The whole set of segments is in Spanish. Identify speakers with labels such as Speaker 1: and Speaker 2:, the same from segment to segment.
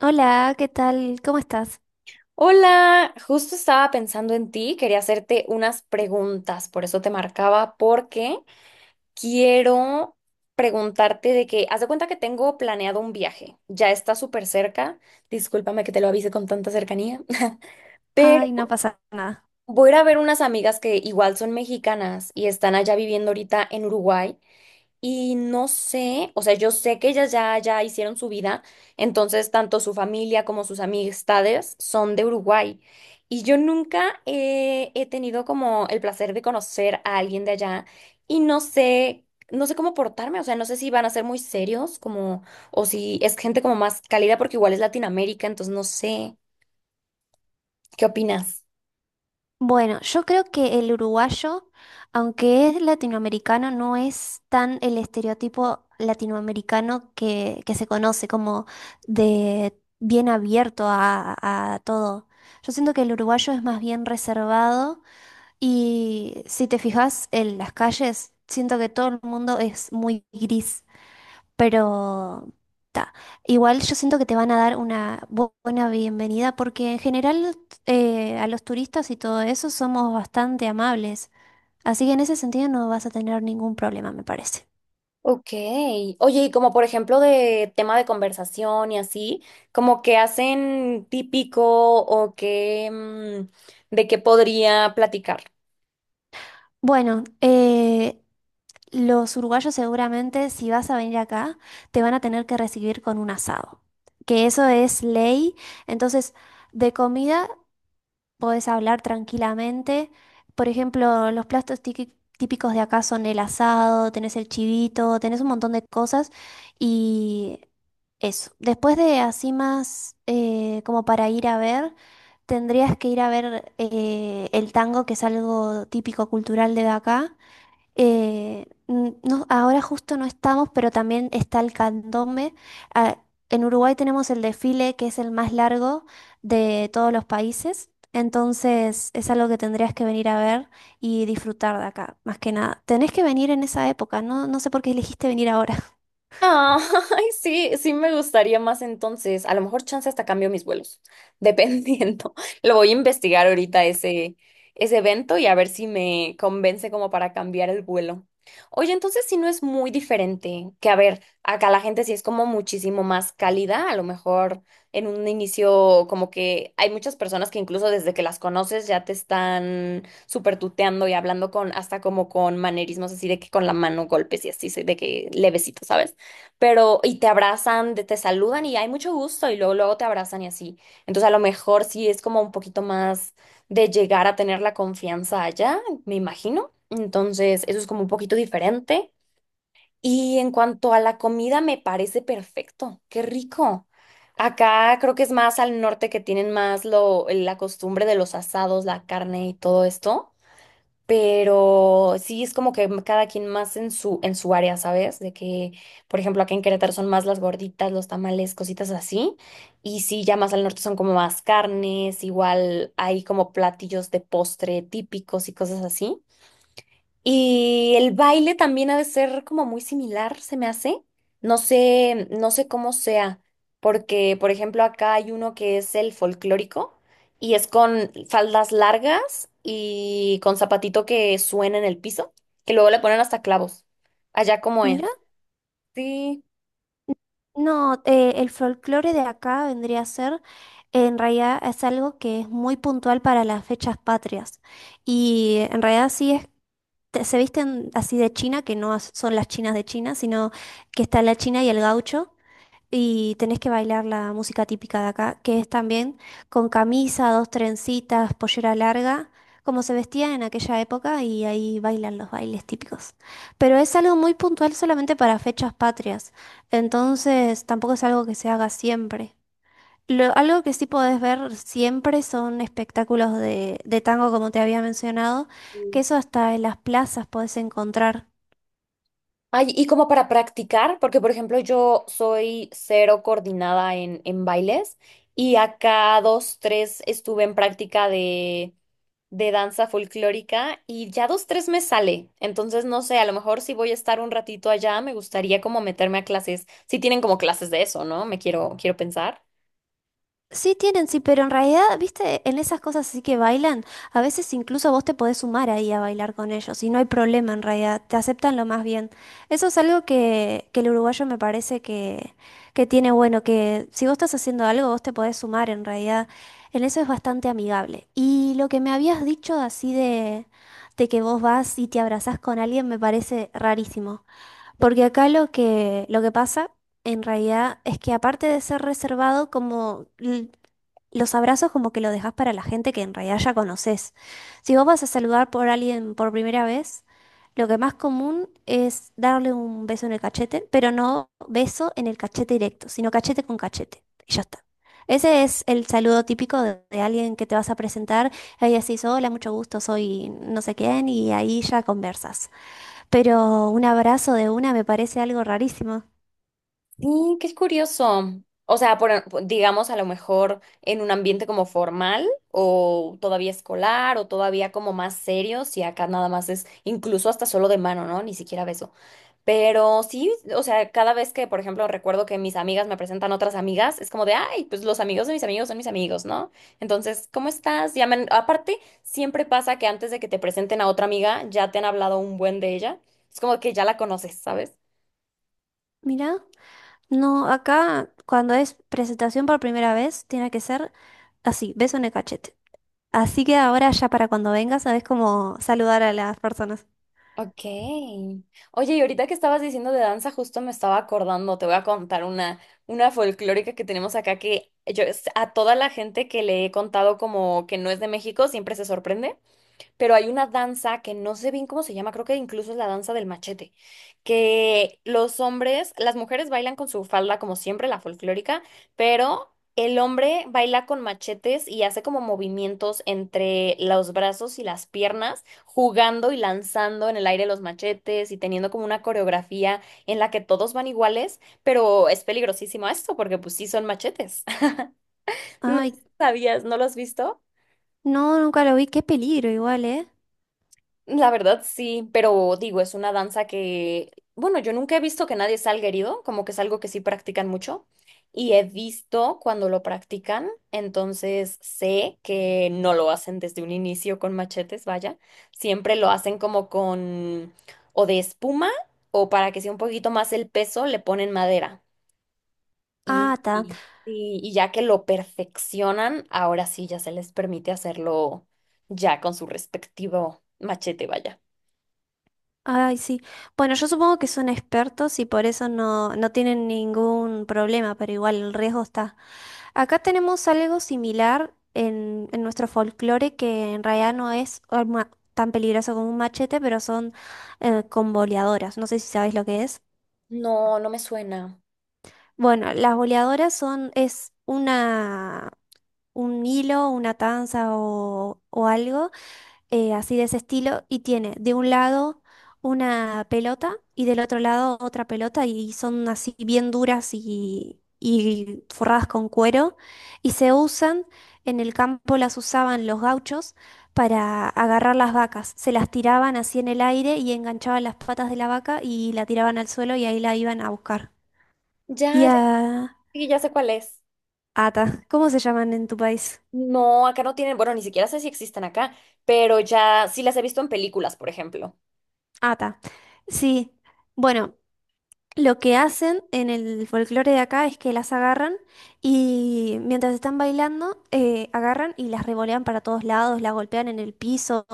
Speaker 1: Hola, ¿qué tal? ¿Cómo estás?
Speaker 2: Hola, justo estaba pensando en ti, quería hacerte unas preguntas, por eso te marcaba, porque quiero preguntarte de que, haz de cuenta que tengo planeado un viaje, ya está súper cerca, discúlpame que te lo avise con tanta cercanía, pero
Speaker 1: Ay, no pasa nada.
Speaker 2: voy a ir a ver unas amigas que igual son mexicanas y están allá viviendo ahorita en Uruguay. Y no sé, o sea, yo sé que ellas ya hicieron su vida, entonces tanto su familia como sus amistades son de Uruguay. Y yo nunca he tenido como el placer de conocer a alguien de allá y no sé, no sé cómo portarme, o sea, no sé si van a ser muy serios como, o si es gente como más cálida porque igual es Latinoamérica, entonces no sé, ¿qué opinas?
Speaker 1: Bueno, yo creo que el uruguayo, aunque es latinoamericano, no es tan el estereotipo latinoamericano que se conoce como de bien abierto a todo. Yo siento que el uruguayo es más bien reservado y si te fijas en las calles, siento que todo el mundo es muy gris. Pero ta, igual yo siento que te van a dar una buena bienvenida porque en general a los turistas y todo eso somos bastante amables. Así que en ese sentido no vas a tener ningún problema, me parece.
Speaker 2: Ok. Oye, y como por ejemplo de tema de conversación y así, como que hacen típico o que de qué podría platicar.
Speaker 1: Bueno, los uruguayos seguramente si vas a venir acá te van a tener que recibir con un asado, que eso es ley. Entonces, de comida podés hablar tranquilamente. Por ejemplo, los platos típicos de acá son el asado, tenés el chivito, tenés un montón de cosas y eso. Después de así más como para ir a ver, tendrías que ir a ver el tango, que es algo típico cultural de acá. No, ahora justo no estamos, pero también está el candombe. Ah, en Uruguay tenemos el desfile, que es el más largo de todos los países. Entonces es algo que tendrías que venir a ver y disfrutar de acá, más que nada. Tenés que venir en esa época, no, no sé por qué elegiste venir ahora.
Speaker 2: Ah, ay, sí, sí me gustaría más entonces. A lo mejor chance hasta cambio mis vuelos, dependiendo. Lo voy a investigar ahorita ese evento y a ver si me convence como para cambiar el vuelo. Oye, entonces si no es muy diferente, que a ver, acá la gente sí es como muchísimo más cálida, a lo mejor en un inicio como que hay muchas personas que incluso desde que las conoces ya te están súper tuteando y hablando con hasta como con manerismos así de que con la mano golpes y así, de que levecito, ¿sabes? Pero y te abrazan, te saludan y hay mucho gusto y luego luego te abrazan y así. Entonces a lo mejor sí es como un poquito más de llegar a tener la confianza allá, me imagino. Entonces eso es como un poquito diferente. Y en cuanto a la comida, me parece perfecto. Qué rico. Acá creo que es más al norte que tienen más la costumbre de los asados, la carne y todo esto. Pero sí es como que cada quien más en en su área, ¿sabes? De que, por ejemplo, acá en Querétaro son más las gorditas, los tamales, cositas así. Y sí, ya más al norte son como más carnes, igual hay como platillos de postre típicos y cosas así. Y el baile también ha de ser como muy similar, se me hace. No sé, no sé cómo sea, porque por ejemplo acá hay uno que es el folclórico y es con faldas largas y con zapatito que suena en el piso, que luego le ponen hasta clavos. Allá como
Speaker 1: Mira.
Speaker 2: es. Sí.
Speaker 1: No, el folclore de acá vendría a ser, en realidad es algo que es muy puntual para las fechas patrias. Y en realidad sí es se visten así de China, que no son las chinas de China, sino que está la china y el gaucho, y tenés que bailar la música típica de acá, que es también con camisa, dos trencitas, pollera larga, como se vestía en aquella época, y ahí bailan los bailes típicos. Pero es algo muy puntual solamente para fechas patrias, entonces tampoco es algo que se haga siempre. Algo que sí podés ver siempre son espectáculos de tango, como te había mencionado, que
Speaker 2: Sí.
Speaker 1: eso hasta en las plazas podés encontrar.
Speaker 2: Ay, y como para practicar, porque por ejemplo yo soy cero coordinada en bailes y acá dos, tres estuve en práctica de danza folclórica y ya dos, tres me sale. Entonces, no sé, a lo mejor si voy a estar un ratito allá, me gustaría como meterme a clases. Si tienen como clases de eso, ¿no? Me quiero pensar.
Speaker 1: Sí tienen, sí, pero en realidad, viste, en esas cosas así que bailan, a veces incluso vos te podés sumar ahí a bailar con ellos y no hay problema en realidad, te aceptan lo más bien. Eso es algo que el uruguayo me parece que tiene bueno, que si vos estás haciendo algo, vos te podés sumar en realidad. En eso es bastante amigable. Y lo que me habías dicho así de que vos vas y te abrazás con alguien me parece rarísimo. Porque acá lo que pasa en realidad es que aparte de ser reservado, los abrazos como que lo dejas para la gente que en realidad ya conoces. Si vos vas a saludar por alguien por primera vez, lo que más común es darle un beso en el cachete, pero no beso en el cachete directo, sino cachete con cachete. Y ya está. Ese es el saludo típico de alguien que te vas a presentar. Ahí decís, hola, mucho gusto, soy no sé quién, y ahí ya conversas. Pero un abrazo de una me parece algo rarísimo.
Speaker 2: Sí, qué curioso. O sea, por, digamos, a lo mejor en un ambiente como formal o todavía escolar o todavía como más serio, si acá nada más es incluso hasta solo de mano, ¿no? Ni siquiera beso. Pero sí, o sea, cada vez que, por ejemplo, recuerdo que mis amigas me presentan otras amigas, es como de, ay, pues los amigos de mis amigos son mis amigos, ¿no? Entonces, ¿cómo estás? Llaman. Aparte, siempre pasa que antes de que te presenten a otra amiga, ya te han hablado un buen de ella. Es como que ya la conoces, ¿sabes?
Speaker 1: Mirá, no, acá cuando es presentación por primera vez, tiene que ser así, beso en el cachete. Así que ahora ya para cuando vengas, sabes cómo saludar a las personas.
Speaker 2: Ok. Oye, y ahorita que estabas diciendo de danza, justo me estaba acordando, te voy a contar una folclórica que tenemos acá que yo a toda la gente que le he contado como que no es de México, siempre se sorprende. Pero hay una danza que no sé bien cómo se llama, creo que incluso es la danza del machete, que los hombres, las mujeres bailan con su falda como siempre, la folclórica, pero el hombre baila con machetes y hace como movimientos entre los brazos y las piernas, jugando y lanzando en el aire los machetes y teniendo como una coreografía en la que todos van iguales, pero es peligrosísimo esto porque pues sí son machetes. No
Speaker 1: Ay,
Speaker 2: sabías, ¿no lo has visto?
Speaker 1: no, nunca lo vi, qué peligro igual, ¿eh?
Speaker 2: La verdad sí, pero digo, es una danza que, bueno, yo nunca he visto que nadie salga herido, como que es algo que sí practican mucho y he visto cuando lo practican, entonces sé que no lo hacen desde un inicio con machetes, vaya, siempre lo hacen como con o de espuma o para que sea un poquito más el peso, le ponen madera
Speaker 1: Ah,
Speaker 2: y,
Speaker 1: ta.
Speaker 2: y, y y ya que lo perfeccionan, ahora sí ya se les permite hacerlo ya con su respectivo machete, vaya.
Speaker 1: Ay, sí. Bueno, yo supongo que son expertos y por eso no, no tienen ningún problema, pero igual el riesgo está. Acá tenemos algo similar en nuestro folclore que en realidad no es arma tan peligroso como un machete, pero son con boleadoras. No sé si sabes lo que es.
Speaker 2: No, no me suena.
Speaker 1: Bueno, las boleadoras son, es una, un hilo, una tanza o algo así de ese estilo, y tiene de un lado una pelota y del otro lado otra pelota, y son así bien duras y forradas con cuero, y se usan, en el campo las usaban los gauchos para agarrar las vacas, se las tiraban así en el aire y enganchaban las patas de la vaca y la tiraban al suelo y ahí la iban a buscar. Y
Speaker 2: Ya, ya,
Speaker 1: a...
Speaker 2: sí, ya sé cuál es.
Speaker 1: Ata, ¿cómo se llaman en tu país?
Speaker 2: No, acá no tienen, bueno, ni siquiera sé si existen acá, pero ya sí las he visto en películas, por ejemplo.
Speaker 1: Ata. Sí, bueno. Lo que hacen en el folclore de acá es que las agarran y mientras están bailando, agarran y las revolean para todos lados, las golpean en el piso,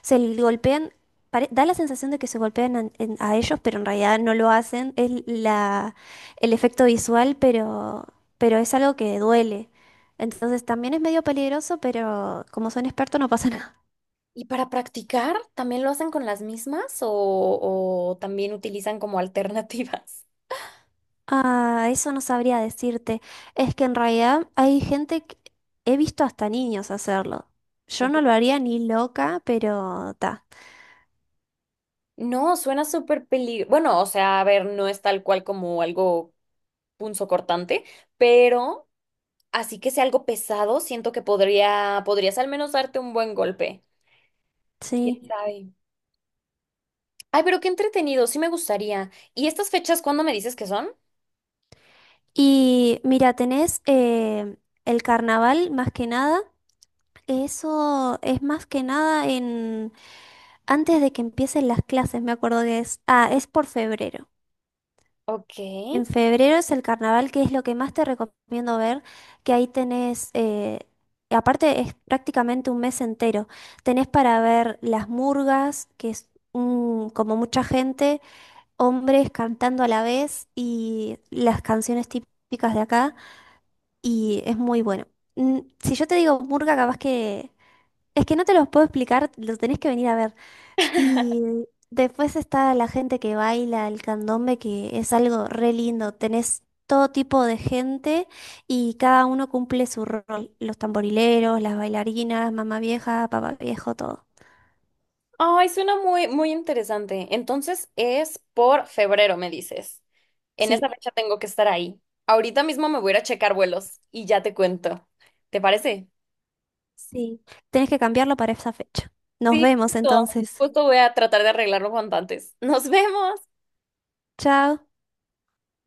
Speaker 1: golpean. Da la sensación de que se golpean ellos, pero en realidad no lo hacen. Es la, el efecto visual, pero es algo que duele. Entonces también es medio peligroso, pero como son expertos no pasa nada.
Speaker 2: ¿Y para practicar también lo hacen con las mismas o también utilizan como alternativas?
Speaker 1: Ah, eso no sabría decirte. Es que en realidad hay gente que he visto hasta niños hacerlo. Yo no lo haría ni loca, pero ta.
Speaker 2: No, suena súper peligroso. Bueno, o sea, a ver, no es tal cual como algo punzo cortante, pero así que sea algo pesado, siento que podrías al menos darte un buen golpe. ¿Quién
Speaker 1: Sí.
Speaker 2: sabe? Ay, pero qué entretenido, sí me gustaría. ¿Y estas fechas cuándo me dices que son?
Speaker 1: Y mira, tenés el carnaval más que nada. Eso es más que nada en antes de que empiecen las clases, me acuerdo que es. Ah, es por febrero.
Speaker 2: Ok.
Speaker 1: En febrero es el carnaval, que es lo que más te recomiendo ver, que ahí tenés, aparte es prácticamente un mes entero, tenés para ver las murgas, que es como mucha gente, hombres cantando a la vez y las canciones típicas de acá, y es muy bueno. Mm, si yo te digo murga, capaz que... Es que no te los puedo explicar, los tenés que venir a ver. Y después está la gente que baila el candombe, que es algo re lindo. Tenés todo tipo de gente y cada uno cumple su rol. Los tamborileros, las bailarinas, mamá vieja, papá viejo, todo.
Speaker 2: Ay, suena muy, muy interesante. Entonces es por febrero, me dices. En esa
Speaker 1: Sí,
Speaker 2: fecha tengo que estar ahí. Ahorita mismo me voy a ir a checar vuelos y ya te cuento. ¿Te parece?
Speaker 1: sí. Tenés que cambiarlo para esa fecha. Nos
Speaker 2: Sí,
Speaker 1: vemos
Speaker 2: justo.
Speaker 1: entonces.
Speaker 2: Justo voy a tratar de arreglarlo cuanto antes. Nos vemos.
Speaker 1: Chao.